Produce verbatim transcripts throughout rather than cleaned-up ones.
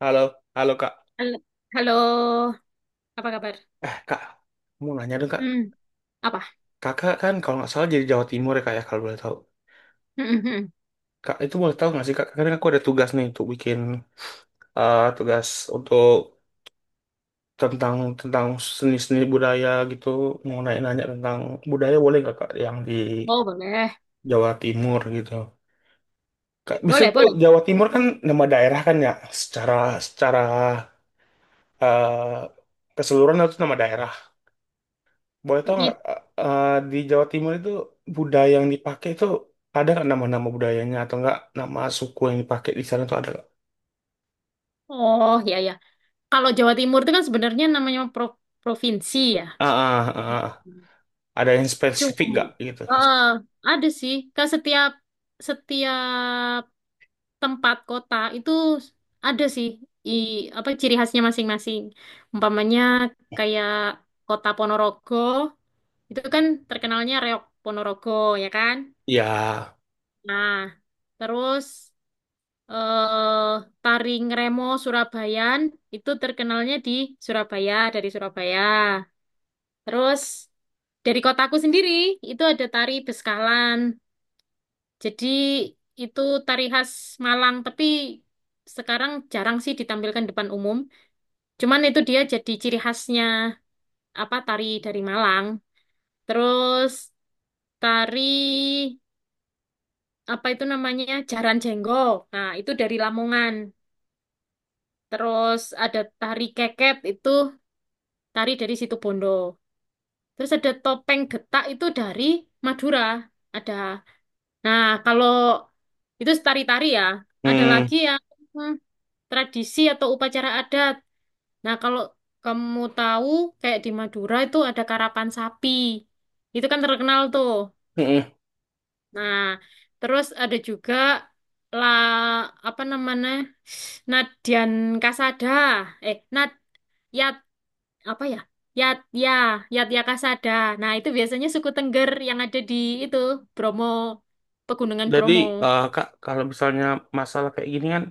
Halo, halo Kak. Hal- Halo, apa kabar? Eh Kak, mau nanya dong Kak. Hmm, apa? Kakak kan kalau nggak salah jadi Jawa Timur ya Kak ya kalau boleh tahu. Hmm, hmm, hmm. Kak itu boleh tahu nggak sih Kak? Karena aku ada tugas nih untuk bikin eh, tugas untuk tentang tentang seni-seni budaya gitu. Mau nanya-nanya tentang budaya boleh nggak Kak yang di Oh, boleh. Jawa Timur gitu. Kak, bisa Boleh, tuh boleh. Jawa Timur kan nama daerah kan ya. Secara secara eh, keseluruhan itu nama daerah. Boleh tau I- nggak i- eh, eh, di Jawa Timur itu budaya yang dipakai itu ada nggak nama-nama budayanya atau nggak nama suku yang dipakai di sana tuh ada nggak? Oh, ya, ya. Kalau Jawa Timur itu kan sebenarnya namanya pro- provinsi ya. Ah, ah, ah, ah. Ada yang Cuma, spesifik nggak gitu? Maksud- eh, ada sih. Kan setiap setiap tempat kota itu ada sih i, apa ciri khasnya masing-masing. Umpamanya kayak kota Ponorogo itu kan terkenalnya reok Ponorogo ya kan? Ya, Nah, terus eh, tari Ngremo Surabayan itu terkenalnya di Surabaya, dari Surabaya. Terus dari kotaku sendiri itu ada tari Beskalan. Jadi itu tari khas Malang, tapi sekarang jarang sih ditampilkan depan umum. Cuman itu dia jadi ciri khasnya apa tari dari Malang. Terus tari apa itu namanya? Jaran Jenggo. Nah, itu dari Lamongan. Terus ada tari keket itu tari dari Situbondo. Terus ada topeng getak itu dari Madura. Ada. Nah, kalau itu tari-tari ya. Ada hmm, lagi yang hmm, tradisi atau upacara adat. Nah, kalau kamu tahu kayak di Madura itu ada karapan sapi. Itu kan terkenal tuh. mm-mm. Nah, terus ada juga la apa namanya? Nadian Kasada. Eh, Nad ya apa ya? Yat ya, Yat kasada. Nah, itu biasanya suku Tengger yang ada di itu Bromo, Pegunungan Jadi Bromo. eh, Kak kalau misalnya masalah kayak gini kan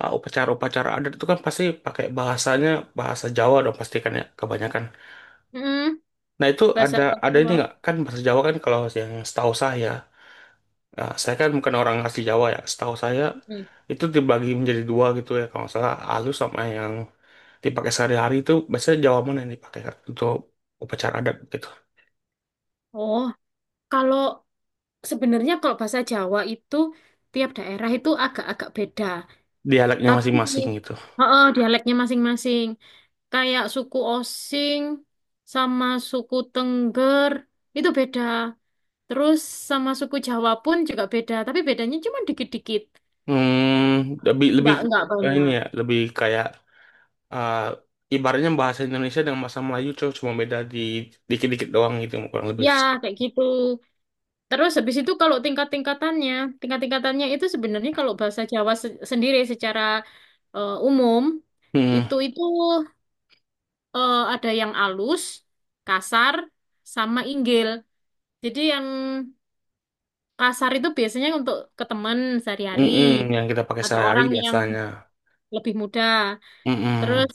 eh, upacara-upacara adat itu kan pasti pakai bahasanya bahasa Jawa dong pasti kan ya kebanyakan. Mm, Nah itu bahasa ada ada ini Jawa. nggak kan bahasa Jawa kan kalau yang setahu saya. Nah, saya kan bukan orang asli Jawa ya. Setahu saya Mm. itu dibagi menjadi dua gitu ya. Kalau nggak salah halus sama yang dipakai sehari-hari itu biasanya Jawa mana yang dipakai untuk upacara adat gitu. Oh, kalau sebenarnya kalau bahasa Jawa itu tiap daerah itu agak-agak beda. Dialeknya Tapi masing-masing gitu. heeh, dialeknya masing-masing. Kayak suku Osing sama suku Tengger itu beda. Terus sama suku Jawa pun juga beda, tapi bedanya cuma dikit-dikit. Hmm, lebih lebih nggak nggak ya ini banyak. ya, lebih kayak eh, ibaratnya bahasa Indonesia dengan bahasa Melayu cuma cuma beda di dikit-dikit doang gitu kurang lebih. Ya, kayak gitu. Terus habis itu kalau tingkat-tingkatannya, tingkat-tingkatannya itu sebenarnya kalau bahasa Jawa se- sendiri secara eh, umum Hmm, itu itu eh, ada yang alus, kasar, sama inggil. Jadi yang kasar itu biasanya untuk ke teman sehari-hari mm-mm, yang kita pakai atau sehari-hari orang yang biasanya. lebih muda. Mm-mm. Terus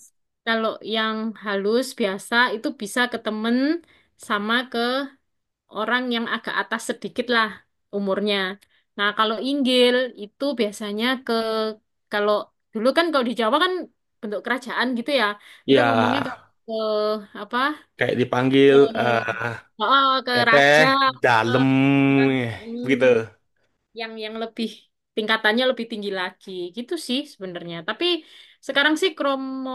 kalau yang halus biasa itu bisa ke temen sama ke orang yang agak atas sedikit lah umurnya. Nah, kalau inggil itu biasanya ke kalau dulu kan kalau di Jawa kan bentuk kerajaan gitu ya. Itu Ya, ngomongnya ke, ke apa? kayak dipanggil Ke, eh oh, ke Teteh raja, ke dalam orang. hmm gitu. yang yang lebih tingkatannya lebih tinggi lagi gitu sih sebenarnya. Tapi sekarang sih kromo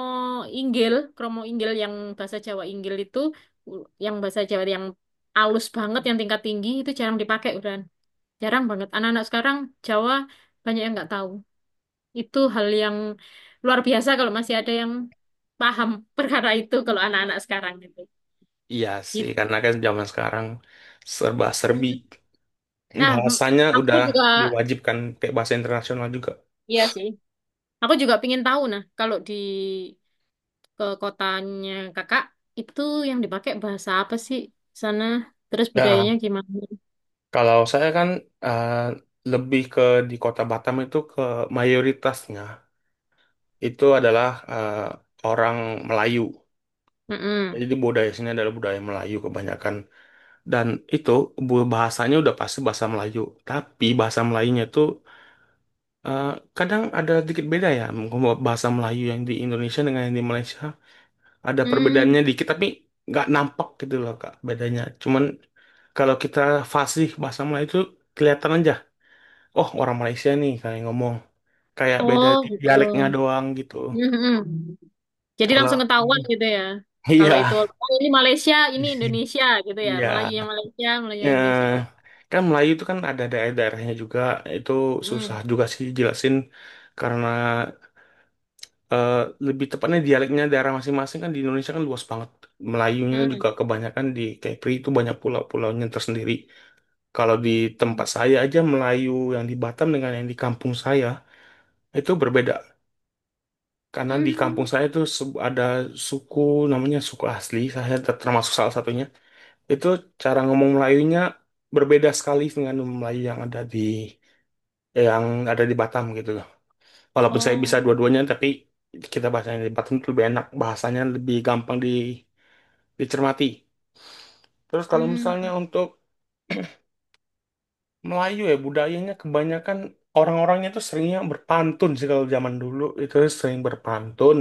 inggil, kromo inggil yang bahasa Jawa inggil itu u- yang bahasa Jawa yang alus banget yang tingkat tinggi itu jarang dipakai udah jarang banget. Anak-anak sekarang Jawa banyak yang nggak tahu. Itu hal yang luar biasa kalau masih ada yang paham perkara itu kalau anak-anak sekarang gitu. Iya sih, Gitu. karena kan zaman sekarang serba-serbi. Nah, m- Bahasanya aku udah juga diwajibkan kayak bahasa internasional juga. iya sih. Aku juga pingin tahu nah kalau di ke kotanya kakak itu yang dipakai bahasa apa sih sana terus Nah, budayanya gimana. kalau saya kan eh, lebih ke di kota Batam itu ke mayoritasnya itu adalah eh, orang Melayu. Mm-mm. Jadi di budaya sini adalah budaya Melayu kebanyakan. Dan itu bu- bahasanya udah pasti bahasa Melayu. Tapi bahasa Melayunya itu Eh, kadang ada sedikit beda ya, mungkin bahasa Melayu yang di Indonesia dengan yang di Malaysia ada Hmm. perbedaannya dikit, tapi nggak nampak gitu loh Kak bedanya. Cuman kalau kita fasih bahasa Melayu itu kelihatan aja, oh orang Malaysia nih kayak ngomong, kayak beda Oh di gitu. dialeknya doang gitu. Mm-mm. Jadi Kalau langsung ketahuan gitu ya, kalau iya, itu oh, ini Malaysia ini Indonesia gitu ya, iya. Melayu yang Malaysia Melayu yang Eh, Indonesia oh. kan Melayu itu kan ada daerah-daerahnya juga, itu susah Mm. juga sih jelasin karena eh, lebih tepatnya dialeknya daerah masing-masing kan di Indonesia kan luas banget. Melayunya Mm. juga kebanyakan di Kepri itu banyak pulau-pulaunya tersendiri. Kalau di tempat saya aja Melayu yang di Batam dengan yang di kampung saya itu berbeda. Karena di kampung Mm. saya itu se- ada suku namanya suku asli, saya ter- termasuk salah satunya. Itu cara ngomong Melayunya berbeda sekali dengan Melayu yang ada di yang ada di Batam gitu. Walaupun saya bisa Oh, dua-duanya, tapi kita bahasanya di Batam itu lebih enak. Bahasanya lebih gampang di, dicermati. Terus kalau misalnya Mm. untuk Melayu ya, budayanya kebanyakan orang-orangnya itu seringnya berpantun sih kalau zaman dulu. Itu sering berpantun.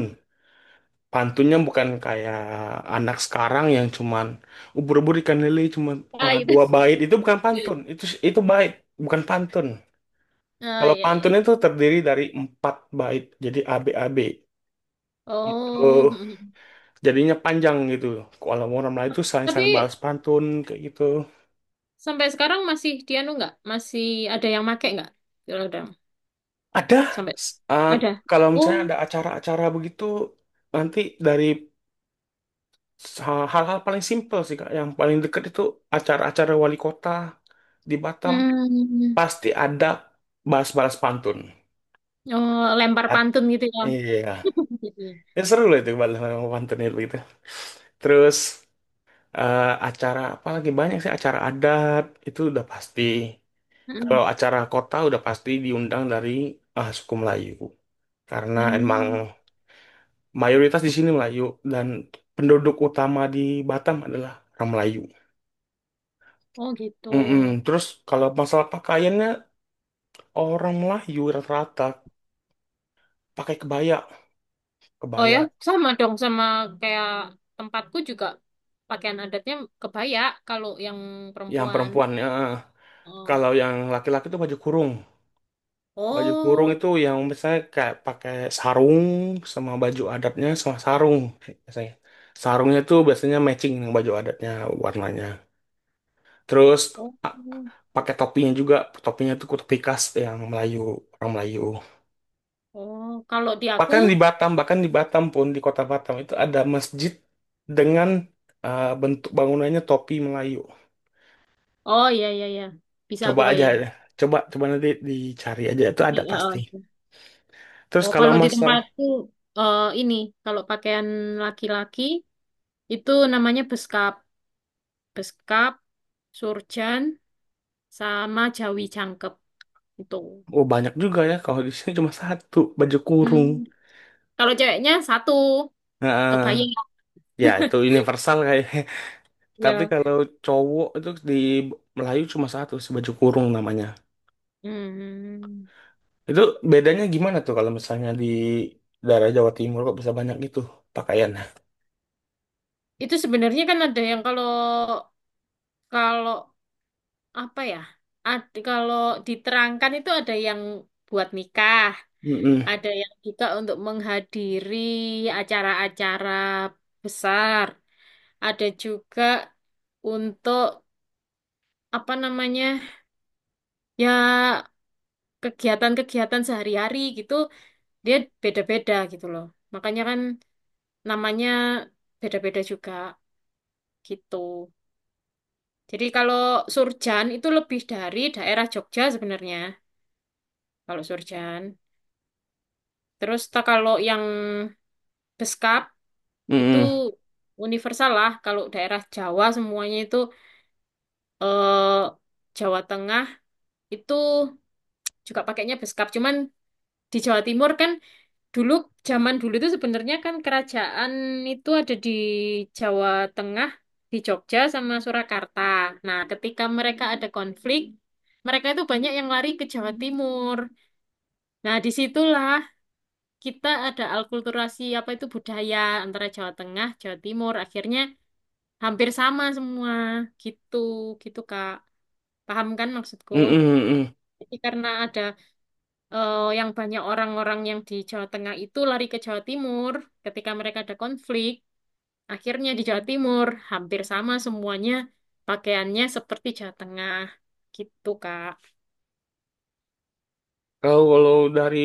Pantunnya bukan kayak anak sekarang yang cuman ubur-ubur ikan lele cuman Ah uh, itu. dua bait. Itu bukan pantun. Itu itu bait, bukan pantun. Ah Kalau iya iya. pantun itu terdiri dari empat bait. Jadi A A B A B Gitu. Oh, Mm. jadinya panjang gitu. Kalau mau ramlah itu saling-saling balas Tapi pantun kayak gitu. sampai sekarang masih dianu nggak? Masih ada yang make nggak? Kalau udah Ada. sampai. s- uh, Ada. kalau misalnya Oh, ada acara-acara begitu nanti dari ha- hal-hal paling simpel sih Kak, yang paling dekat itu acara-acara wali kota di Batam hmm. pasti ada balas-balas pantun. Oh, lempar At- pantun gitu ya. iya, Gitu ya. ya, seru lah itu balas-balas pantun itu gitu. Terus eh, acara apa lagi banyak sih acara adat itu udah pasti. Hmm. Kalau acara kota udah pasti diundang dari eh, suku Melayu karena emang Hmm. mayoritas di sini Melayu dan penduduk utama di Batam adalah orang Melayu. Oh gitu. Mm-mm. Terus kalau masalah pakaiannya orang Melayu rata-rata pakai kebaya, Oh ya, kebaya sama dong sama kayak tempatku juga pakaian adatnya kebaya kalau yang yang perempuan. perempuannya. Oh. Kalau yang laki-laki itu baju kurung. Baju kurung Oh. itu yang misalnya kayak pakai sarung sama baju adatnya sama sarung biasanya. Sarungnya itu biasanya matching dengan baju adatnya warnanya. Terus Oh. a- pakai topinya juga, topinya tuh topi khas yang Melayu, orang Melayu. Oh, kalau di aku, Bahkan di Batam, bahkan di Batam pun di kota Batam itu ada masjid dengan eh, bentuk bangunannya topi Melayu. oh iya iya iya. Bisa Coba aku aja, bayang. coba coba nanti dicari aja itu ada I- pasti. uh, uh. Terus Oh, kalau kalau di masa, tempatku eh ini kalau pakaian laki-laki itu namanya beskap. Beskap, surjan, sama Jawi Jangkep itu. oh banyak juga ya kalau di sini cuma satu baju kurung. Hmm. Kalau ceweknya satu, Nah, kebayang ya itu universal kayaknya. Tapi ya. kalau cowok itu di Melayu cuma satu sih baju kurung namanya. Hmm. Itu bedanya gimana tuh kalau misalnya di daerah Jawa Timur kok bisa banyak gitu pakaian? Itu sebenarnya kan ada yang kalau kalau apa ya? Ad- kalau diterangkan itu ada yang buat nikah, Mm-mm. ada yang juga untuk menghadiri acara-acara besar, ada juga untuk apa namanya? Ya kegiatan-kegiatan sehari-hari gitu. Dia beda-beda gitu loh. Makanya kan namanya beda-beda juga gitu. Jadi kalau Surjan itu lebih dari daerah Jogja sebenarnya. Kalau Surjan. Terus ta- kalau yang Beskap itu Mm-mm. universal lah. Kalau daerah Jawa semuanya itu eh, Jawa Tengah itu juga pakainya Beskap. Cuman di Jawa Timur kan Dulu, zaman dulu itu sebenarnya kan kerajaan itu ada di Jawa Tengah, di Jogja sama Surakarta. Nah, ketika mereka ada konflik, mereka itu banyak yang lari ke Jawa Timur. Nah, disitulah kita ada alkulturasi apa itu budaya antara Jawa Tengah, Jawa Timur. Akhirnya hampir sama semua gitu, gitu Kak. Paham kan maksudku? Mm-mm. Mm-mm. Jadi karena ada eh, yang banyak orang-orang yang di Jawa Tengah itu lari ke Jawa Timur ketika mereka ada konflik. Akhirnya di Jawa Timur hampir sama semuanya pakaiannya seperti Jawa Tengah gitu Kak. Kalau kalau dari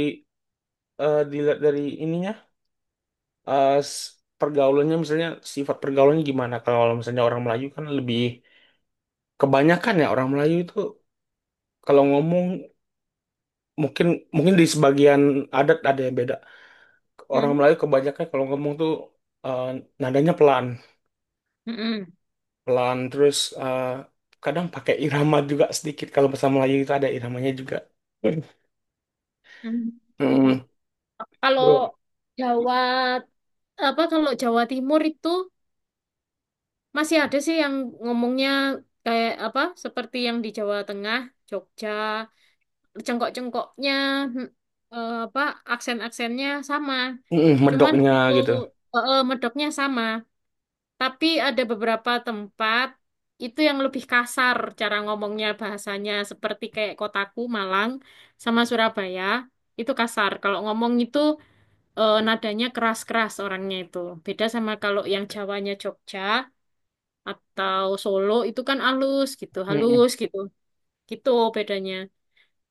eh, dilihat dari ininya eh, s- pergaulannya misalnya sifat pergaulannya gimana? Kalau misalnya orang Melayu kan lebih kebanyakan ya orang Melayu itu kalau ngomong mungkin mungkin di sebagian adat ada yang beda. Orang Mm, Melayu kebanyakan kalau ngomong tuh eh, nadanya pelan. mm-mm, pelan terus eh, kadang pakai irama juga sedikit kalau bahasa Melayu itu ada iramanya juga. mm, mm. Mm, Kalau bro. Jawa apa kalau Jawa Timur itu masih ada sih yang ngomongnya kayak apa seperti yang di Jawa Tengah, Jogja, cengkok-cengkoknya mm, eh, apa aksen-aksennya sama. Mm, Cuman medoknya itu gitu. eh, eh, medoknya sama. Tapi ada beberapa tempat itu yang lebih kasar cara ngomongnya bahasanya seperti kayak kotaku Malang sama Surabaya itu kasar. Kalau ngomong itu eh, nadanya keras-keras orangnya itu. Beda sama kalau yang Jawanya Jogja atau Solo itu kan halus gitu, Mm, halus gitu. Gitu bedanya.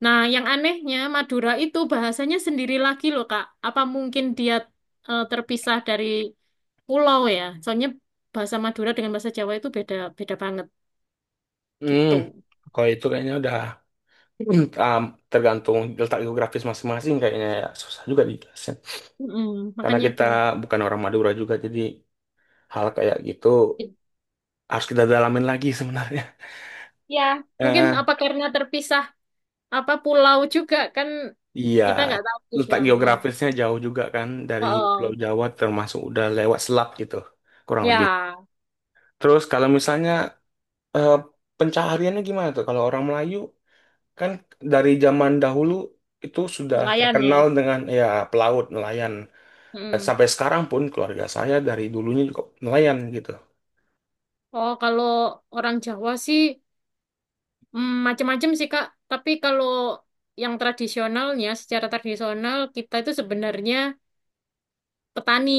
Nah, yang anehnya Madura itu bahasanya sendiri lagi loh, Kak. Apa mungkin dia eh, terpisah dari pulau ya? Soalnya bahasa Madura dengan bahasa Jawa itu beda beda banget mm. gitu. kalau itu kayaknya udah mm, ah, tergantung letak geografis masing-masing kayaknya ya susah juga dijelasin Mm, karena makanya kita itu. bukan orang Madura juga jadi hal kayak gitu harus kita dalamin lagi sebenarnya. Ya, Mungkin Eh, apa karena terpisah apa pulau juga kan iya kita nggak tahu juga. letak Mm. geografisnya jauh juga kan dari Pulau Oh, Jawa termasuk udah lewat selat gitu kurang lebih. ya Terus kalau misalnya eh, pencahariannya gimana tuh? Kalau orang Melayu kan dari zaman dahulu itu sudah nelayan terkenal ya. dengan ya pelaut, nelayan. Dan Mm. sampai sekarang pun keluarga saya dari dulunya juga nelayan gitu. Oh, kalau orang Jawa sih Hmm, macam-macam sih Kak, tapi kalau yang tradisionalnya secara tradisional kita itu sebenarnya petani,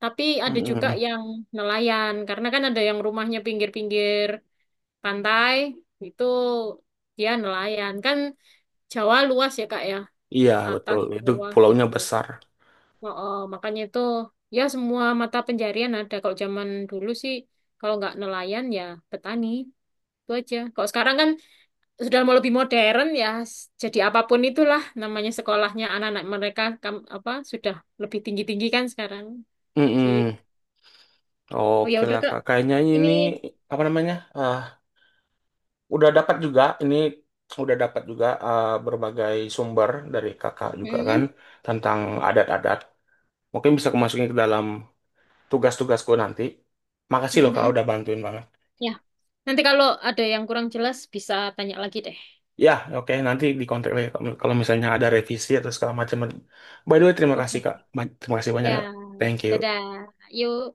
tapi ada juga Mm-mm. yang nelayan karena kan ada yang rumahnya pinggir-pinggir pantai itu dia nelayan kan Jawa luas ya Kak ya, Iya atas betul, itu bawah pulaunya gitu. besar. Oh, oh, makanya itu ya semua mata penjarian ada kalau zaman dulu sih kalau nggak nelayan ya petani itu aja. Kalau sekarang kan sudah mau lebih modern ya jadi apapun itulah namanya sekolahnya anak-anak mereka kam- apa sudah lebih tinggi-tinggi kan sekarang gitu. Mm-mm. Oh ya Oke udah lah Kak kak, kayaknya ini. ini apa namanya? eh, udah dapat juga ini udah dapat juga eh, berbagai sumber dari kakak juga kan Mm-mm. tentang adat-adat. Mungkin bisa kemasukin ke dalam tugas-tugasku nanti. Makasih loh kak Mm-mm. udah bantuin banget. Ya nanti kalau ada yang kurang jelas bisa tanya lagi deh. Ya, oke nanti di kontak lagi kalau kalau misalnya ada revisi atau segala macam. By the way, terima Oke kasih kak. Ba- Terima kasih banyak. ya. ya, Thank you. dadah, yuk.